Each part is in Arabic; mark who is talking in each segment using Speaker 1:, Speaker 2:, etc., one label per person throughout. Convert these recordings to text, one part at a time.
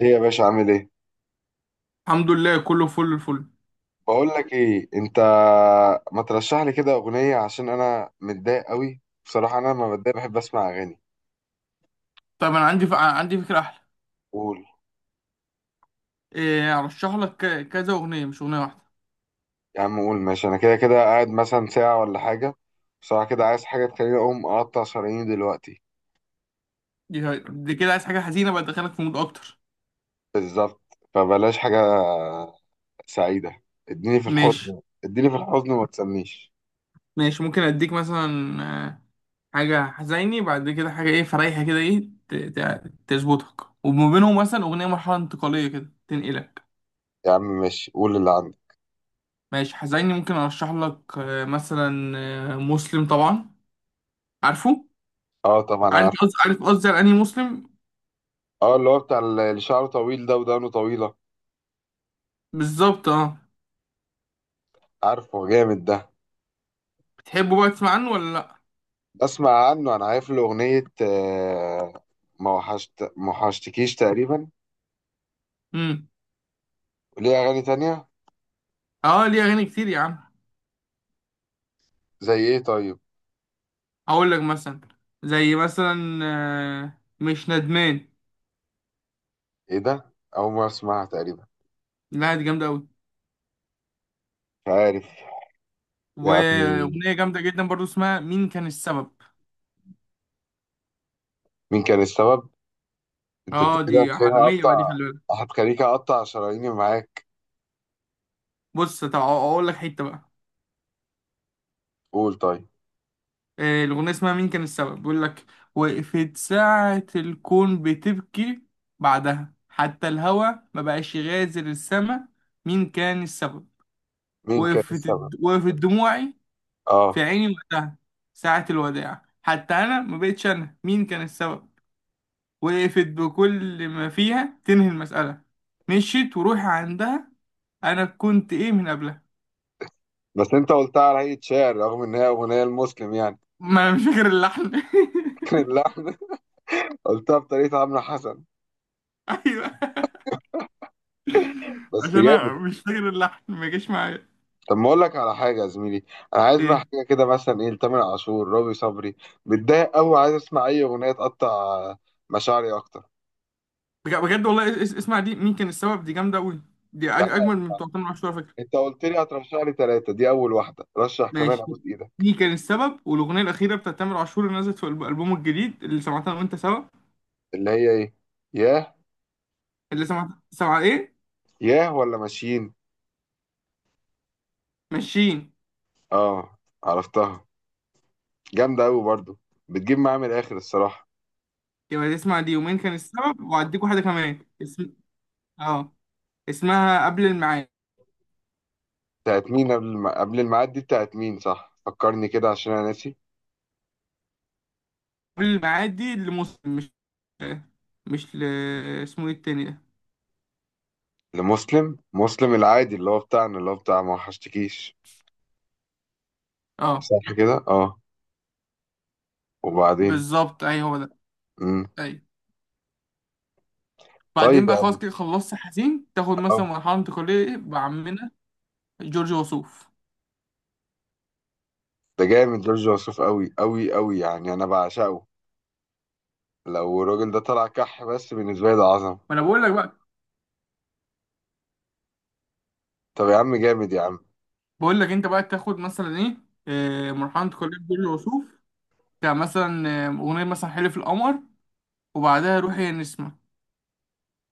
Speaker 1: ايه يا باشا عامل ايه؟
Speaker 2: الحمد لله، كله فل الفل.
Speaker 1: بقول لك ايه، انت ما ترشح لي كده اغنيه عشان انا متضايق قوي، بصراحه انا لما بتضايق بحب اسمع اغاني.
Speaker 2: طب انا عندي عندي فكره احلى.
Speaker 1: قول.
Speaker 2: إيه، ارشح لك كذا اغنيه، مش اغنيه واحده.
Speaker 1: يا عم قول ماشي، انا كده كده قاعد مثلا ساعه ولا حاجه. بصراحه كده عايز حاجه تخليني اقوم اقطع شراييني دلوقتي.
Speaker 2: دي كده عايز حاجه حزينه بقى تدخلك في مود اكتر.
Speaker 1: بالظبط، فبلاش حاجه سعيده. اديني في
Speaker 2: ماشي.
Speaker 1: الحزن اديني في الحزن وما تسميش.
Speaker 2: ماشي، ممكن اديك مثلا آه، حاجه حزيني، بعد كده حاجه ايه، فريحه كده، ايه تظبطك، وما بينهم مثلا اغنيه مرحله انتقاليه كده تنقلك.
Speaker 1: يا عم ماشي قول اللي عندك.
Speaker 2: ماشي، حزيني ممكن ارشح لك مثلا مسلم طبعا. عارفه؟
Speaker 1: اه طبعا
Speaker 2: عارف
Speaker 1: عارف.
Speaker 2: قصدي، عارف قصدي على انهي مسلم.
Speaker 1: اه، اللي هو بتاع اللي شعره طويل ده ودانه طويله.
Speaker 2: بالظبط، اه.
Speaker 1: عارفه جامد ده؟
Speaker 2: بتحبه بقى، تسمع عنه ولا لا؟
Speaker 1: بسمع عنه، انا عارف له اغنيه ما وحشت ما وحشتكيش تقريبا.
Speaker 2: امم.
Speaker 1: ليه اغاني تانية؟
Speaker 2: اه، ليه اغاني كتير يا عم.
Speaker 1: زي ايه طيب؟
Speaker 2: اقول لك مثلا. زي مثلا مش ندمان.
Speaker 1: ايه ده، اول مره اسمعها تقريبا.
Speaker 2: لا، دي جامده قوي.
Speaker 1: مش عارف. يعني.
Speaker 2: واغنيه جامده جدا برضو اسمها مين كان السبب.
Speaker 1: مين كان السبب. انت
Speaker 2: اه،
Speaker 1: كده
Speaker 2: دي
Speaker 1: هتخليني
Speaker 2: عالميه بقى، دي
Speaker 1: اقطع.
Speaker 2: خلي بالك.
Speaker 1: هتخليك اقطع شراييني معاك.
Speaker 2: بص، طب اقول لك حته بقى.
Speaker 1: قول طيب.
Speaker 2: الاغنيه اسمها مين كان السبب، بيقول لك: وقفت ساعه الكون بتبكي، بعدها حتى الهوا ما بقاش يغادر السما. مين كان السبب؟
Speaker 1: مين كان
Speaker 2: وقفت،
Speaker 1: السبب.
Speaker 2: وقفت دموعي في
Speaker 1: اه.
Speaker 2: عيني وقتها، ساعة الوداع حتى أنا ما بقتش أنا. مين كان السبب؟ وقفت بكل ما فيها تنهي المسألة، مشيت وروحي عندها. أنا كنت إيه من قبلها؟
Speaker 1: بس انت قلتها على هيئه شعر رغم ان هي اغنيه المسلم يعني.
Speaker 2: ما أنا مش فاكر اللحن.
Speaker 1: كان اللحن. قلتها بطريقه عمرو حسن.
Speaker 2: أيوه.
Speaker 1: بس
Speaker 2: عشان أنا
Speaker 1: جامد.
Speaker 2: مش فاكر اللحن، ما جاش معايا.
Speaker 1: طب ما اقول لك على حاجه يا زميلي. انا عايز بقى
Speaker 2: إيه.
Speaker 1: حاجه كده مثلا ايه، لتامر عاشور رامي صبري. متضايق قوي عايز اسمع اي اغنيه تقطع مشاعري اكتر.
Speaker 2: بجد والله، اسمع دي، مين كان السبب دي جامدة أوي. دي
Speaker 1: يا عم
Speaker 2: أجمل من
Speaker 1: اسمع.
Speaker 2: بتوع تامر عاشور على فكرة.
Speaker 1: انت قلت لي هترشح لي ثلاثه، دي اول واحده، رشح كمان
Speaker 2: ماشي.
Speaker 1: ابوس ايدك.
Speaker 2: دي كان السبب، والأغنية الأخيرة بتاعت تامر عاشور اللي نزلت في ألبومه الجديد، اللي سمعتها أنا وأنت سوا.
Speaker 1: اللي هي ايه؟ ياه.
Speaker 2: اللي سمعتها، سمع إيه.
Speaker 1: ياه، ولا ماشيين؟
Speaker 2: ماشيين.
Speaker 1: اه، عرفتها. جامده قوي برضو. بتجيب معايا من الاخر الصراحه.
Speaker 2: يبقى تسمع دي، يومين كان السبب، وهديك واحدة كمان. اسم، اه، اسمها قبل الميعاد.
Speaker 1: بتاعت مين؟ قبل قبل الميعاد دي بتاعت مين؟ صح، فكرني كده عشان انا ناسي.
Speaker 2: قبل الميعاد دي لمسلم، مش مش ل... اسمه ايه التاني ده؟
Speaker 1: لمسلم مسلم العادي اللي هو بتاعنا اللي هو بتاع ما وحشتكيش.
Speaker 2: اه.
Speaker 1: صح كده، اه. وبعدين.
Speaker 2: بالظبط، اي هو ده.
Speaker 1: مم.
Speaker 2: اي. بعدين
Speaker 1: طيب
Speaker 2: بقى خلاص
Speaker 1: يعني.
Speaker 2: كده خلصت حزين، تاخد
Speaker 1: اه.
Speaker 2: مثلا مرحلة انتقالية بعمنا جورج وسوف.
Speaker 1: ده جامد جورج وسوف قوي قوي قوي يعني انا بعشقه. لو الراجل ده طلع كح بس بالنسبه لي ده عظمه.
Speaker 2: ما انا بقول لك بقى.
Speaker 1: طب يا عم جامد يا عم.
Speaker 2: بقول لك انت بقى تاخد مثلا ايه، مرحلة انتقالية جورج وسوف، كمثلا اغنية مثلا حلف القمر، وبعدها روحي يا نسمة.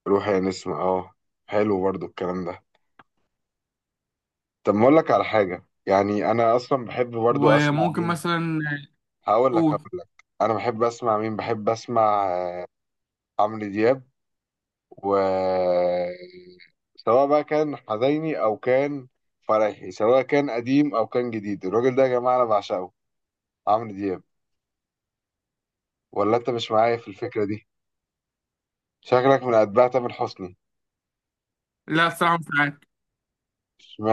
Speaker 1: روح يا نسمة اه. حلو برضو الكلام ده. طب ما اقول لك على حاجه، يعني انا اصلا بحب برضو اسمع
Speaker 2: وممكن
Speaker 1: مين.
Speaker 2: مثلا.
Speaker 1: هقول لك
Speaker 2: قول.
Speaker 1: هقول لك انا بحب اسمع مين، بحب اسمع عمرو دياب. و سواء بقى كان حزيني او كان فرحي، سواء كان قديم او كان جديد، الراجل ده يا جماعه انا بعشقه، عمرو دياب. ولا انت مش معايا في الفكرة دي؟ شكلك من اتباع تامر حسني.
Speaker 2: لا، الصراحة مش معاك.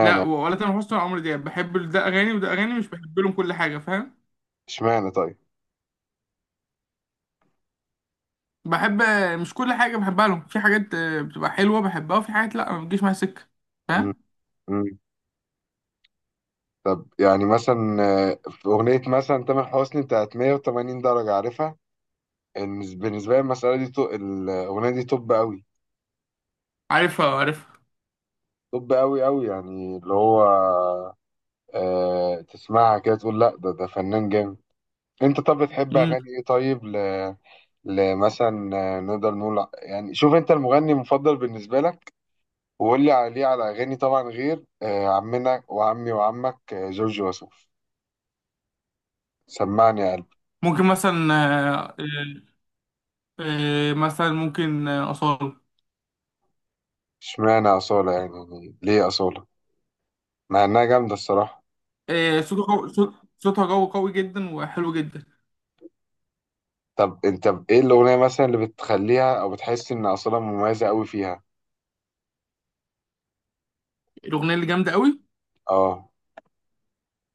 Speaker 2: لا، ولا تامر حسني ولا عمرو دياب. بحب ده أغاني وده أغاني، مش بحب لهم كل حاجة، فاهم.
Speaker 1: اشمعنى طيب.
Speaker 2: بحب، مش كل حاجة بحبها لهم. في حاجات بتبقى حلوة بحبها، وفي حاجات لا، ما بتجيش معايا سكة.
Speaker 1: مم.
Speaker 2: فاهم.
Speaker 1: مم. طب يعني مثلا في اغنية مثلا تامر حسني بتاعت 180 درجة، عارفها؟ إن بالنسبة لي المسألة دي الاغنية دي توب قوي.
Speaker 2: عارفها، عارفها.
Speaker 1: توب قوي قوي يعني اللي هو آه تسمعها كده تقول لا ده ده فنان جامد. انت طب بتحب
Speaker 2: مم.
Speaker 1: اغاني ايه طيب ل... لمثلا نقدر نقول يعني شوف انت المغني المفضل بالنسبة لك وقول لي عليه على أغاني، طبعا غير عمنا وعمي وعمك جورج وسوف، سمعني يا قلبي.
Speaker 2: ممكن مثلا آه، آه، آه، مثلا ممكن أصالة.
Speaker 1: اشمعنى أصالة يعني، يعني ليه أصالة؟ مع إنها جامدة الصراحة.
Speaker 2: صوتها قوي، صوتها قوي قوي جدا وحلو جدا.
Speaker 1: طب أنت إيه الأغنية مثلا اللي بتخليها أو بتحس إن أصالة مميزة أوي فيها؟
Speaker 2: الأغنية اللي جامدة قوي،
Speaker 1: أه،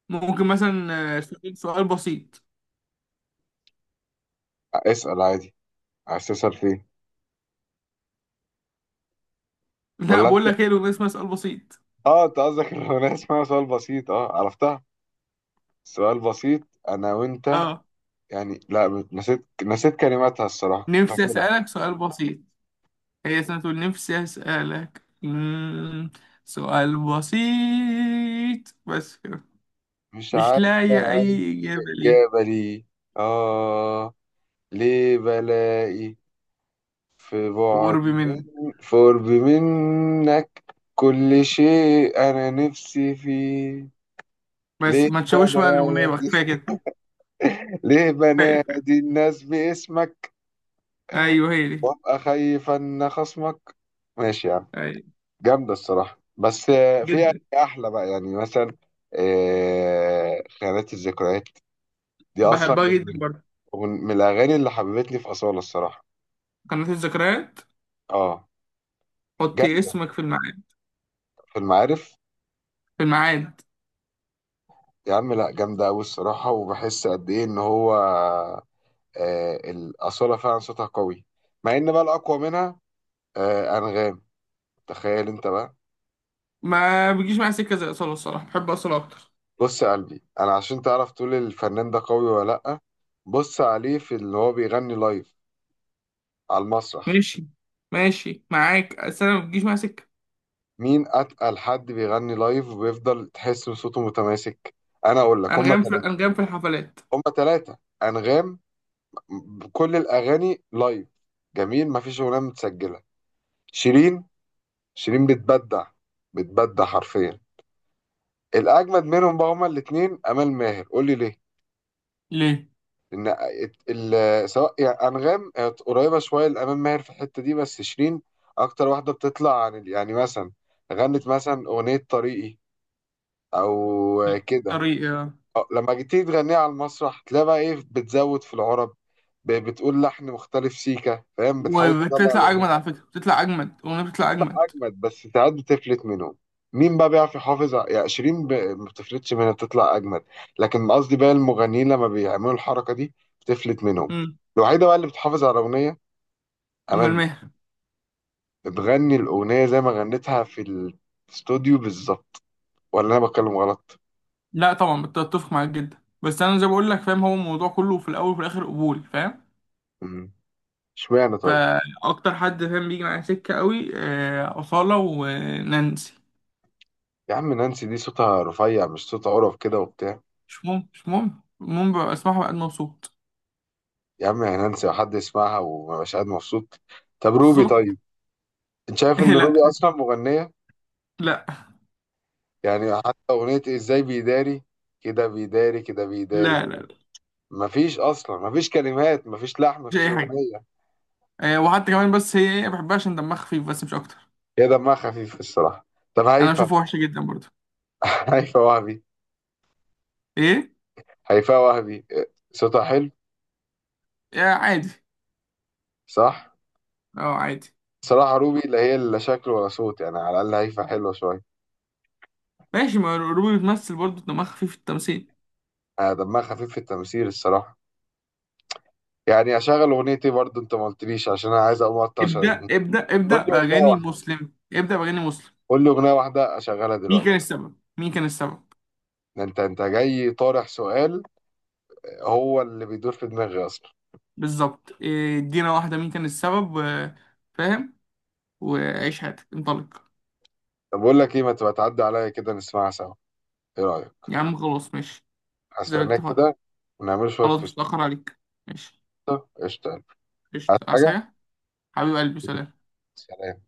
Speaker 2: ممكن مثلا سؤال، بسيط.
Speaker 1: اسأل عادي. عايز تسأل فيه
Speaker 2: لا،
Speaker 1: ولا
Speaker 2: بقول
Speaker 1: أنت؟
Speaker 2: لك ايه، الأغنية اسمها سؤال بسيط.
Speaker 1: أه أنت قصدك الأغنية اسمها سؤال بسيط أه عرفتها. سؤال بسيط. أنا وأنت.
Speaker 2: اه.
Speaker 1: يعني لا نسيت، نسيت كلماتها الصراحة
Speaker 2: نفسي
Speaker 1: فاكرها.
Speaker 2: أسألك سؤال بسيط، هي سنة نفسي أسألك سؤال بسيط بس كده.
Speaker 1: مش
Speaker 2: مش
Speaker 1: عارف.
Speaker 2: لاقي أي إجابة ليه.
Speaker 1: جبلي. آه. ليه بلائي في بعد
Speaker 2: قرب منك.
Speaker 1: من في قرب منك، كل شيء أنا نفسي فيه.
Speaker 2: بس
Speaker 1: ليه
Speaker 2: ما تشوش بقى الأغنية بقى،
Speaker 1: بنادي
Speaker 2: كفاية كده.
Speaker 1: ليه
Speaker 2: كفاية، كفاية.
Speaker 1: بنادي الناس باسمك
Speaker 2: أيوه، هي دي.
Speaker 1: وأبقى خايف أن خصمك. ماشي يا عم.
Speaker 2: أيوه.
Speaker 1: جامدة الصراحة، بس في
Speaker 2: جدا.
Speaker 1: أحلى بقى يعني مثلا خيانات الذكريات، دي أصلا
Speaker 2: بحبها
Speaker 1: من
Speaker 2: جدا برضه.
Speaker 1: من الأغاني اللي حببتني في أصالة الصراحة.
Speaker 2: قناة الذكريات،
Speaker 1: آه.
Speaker 2: حطي
Speaker 1: جامدة.
Speaker 2: اسمك في الميعاد.
Speaker 1: في المعارف.
Speaker 2: في الميعاد.
Speaker 1: يا عم لا جامدة أوي الصراحة، وبحس قد إيه إن هو آه الأصالة فعلا صوتها قوي. مع إن بقى الأقوى منها آه أنغام. تخيل أنت بقى.
Speaker 2: ما بتجيش معايا سكة زي أصالة، الصراحة بحب أصالة أكتر.
Speaker 1: بص يا قلبي، أنا عشان تعرف تقول الفنان ده قوي ولا لأ، بص عليه في اللي هو بيغني لايف على المسرح.
Speaker 2: ماشي. ماشي معاك، بس أنا ما بتجيش معايا سكة.
Speaker 1: مين أتقل حد بيغني لايف وبيفضل تحس إن صوته متماسك؟ أنا أقول لك هما
Speaker 2: أنغام، في
Speaker 1: تلاتة.
Speaker 2: أنغام في الحفلات.
Speaker 1: هما تلاتة أنغام، بكل الأغاني لايف جميل، مفيش أغنية متسجلة. شيرين. شيرين بتبدع، بتبدع حرفيا. الاجمد منهم بقى هما الاثنين امال ماهر، قول لي ليه؟
Speaker 2: ليه؟
Speaker 1: لان سواء يعني انغام قريبه شويه لامال ماهر في الحته دي، بس شيرين اكتر واحده بتطلع عن يعني مثلا غنت مثلا اغنيه طريقي او كده،
Speaker 2: طريقة.
Speaker 1: أه، لما جيتي تغنيها على المسرح تلاقي بقى ايه، بتزود في العرب، بتقول لحن مختلف سيكا فاهم، بتحاول تطلع
Speaker 2: وبتطلع اجمد،
Speaker 1: الاغنيه.
Speaker 2: على فكره بتطلع اجمد الاغنيه، بتطلع اجمد.
Speaker 1: جامد، بس ساعات بتفلت منهم. مين بقى بيعرف يحافظ يعني شيرين ما بتفلتش منها بتطلع اجمد. لكن قصدي بقى المغنيين لما بيعملوا الحركه دي بتفلت منهم.
Speaker 2: امم.
Speaker 1: الوحيده بقى اللي بتحافظ على الاغنيه
Speaker 2: اما
Speaker 1: امال ماهر.
Speaker 2: المهر.
Speaker 1: بتغني الاغنيه زي ما غنتها في الاستوديو بالظبط. ولا انا بتكلم غلط؟
Speaker 2: لا طبعا، بتفق معاك جدا، بس انا زي ما بقول لك، فاهم، هو الموضوع كله في الاول وفي الاخر قبول، فاهم.
Speaker 1: مم. اشمعنى طيب.
Speaker 2: فاكتر حد فاهم بيجي معايا سكه قوي، اصاله ونانسي.
Speaker 1: يا عم نانسي دي صوتها رفيع، مش صوتها قرف كده وبتاع.
Speaker 2: مش مهم، مش مهم، المهم ببقى اسمعها بقى أنا مبسوط.
Speaker 1: يا عم يا نانسي لو حد يسمعها وما بقاش قاعد مبسوط. طب روبي
Speaker 2: بالظبط.
Speaker 1: طيب. انت شايف ان روبي
Speaker 2: لا.
Speaker 1: اصلا مغنيه؟
Speaker 2: لا.
Speaker 1: يعني حتى أغنية إزاي بيداري، كده بيداري كده بيداري.
Speaker 2: لا، لا، لا.
Speaker 1: مفيش أصلا، مفيش كلمات، مفيش لحن،
Speaker 2: مش
Speaker 1: مفيش
Speaker 2: اي حاجه.
Speaker 1: أغنية.
Speaker 2: وحتى كمان، بس هي ايه، بحبها عشان دمها خفيف، بس مش اكتر.
Speaker 1: هي دمها خفيف الصراحة. طب
Speaker 2: انا
Speaker 1: هيفا.
Speaker 2: بشوفها وحشه جدا برضه.
Speaker 1: هيفا وهبي.
Speaker 2: ايه.
Speaker 1: هيفا وهبي صوتها حلو.
Speaker 2: عادي.
Speaker 1: صح.
Speaker 2: اه، عادي.
Speaker 1: صراحة روبي لا هي لا شكل ولا صوت، يعني على الأقل هيفا حلوة شوية.
Speaker 2: ماشي، ما روبي بتمثل برضه، دماغها خفيف في التمثيل.
Speaker 1: دمها خفيف في التمثيل الصراحة. يعني أشغل أغنيتي برضه أنت ما قلتليش، عشان أنا عايز أقوم أقطع
Speaker 2: ابدأ،
Speaker 1: شغلتي.
Speaker 2: ابدأ، ابدأ
Speaker 1: قول لي أغنية
Speaker 2: بأغاني
Speaker 1: واحدة.
Speaker 2: مسلم، ابدأ بأغاني مسلم.
Speaker 1: قول لي أغنية واحدة أشغلها
Speaker 2: مين كان
Speaker 1: دلوقتي.
Speaker 2: السبب، مين كان السبب.
Speaker 1: ده أنت أنت جاي طارح سؤال، هو اللي بيدور في دماغي أصلا.
Speaker 2: بالظبط، إيه، ادينا واحدة مين كان السبب فاهم، وعيش حياتك انطلق.
Speaker 1: طب بقول لك ايه، ما تبقى تعدي عليا كده نسمعها سوا، ايه رأيك؟
Speaker 2: يا عم خلاص، ماشي. زي ما
Speaker 1: هستناك
Speaker 2: اتفقنا.
Speaker 1: كده ونعمل شوية
Speaker 2: خلاص،
Speaker 1: في
Speaker 2: مش
Speaker 1: الشطة.
Speaker 2: هتأخر عليك. ماشي.
Speaker 1: قشطة. هات
Speaker 2: قشطة. عايز
Speaker 1: حاجة.
Speaker 2: حاجة؟ حبيب قلبي، سلام.
Speaker 1: سلام.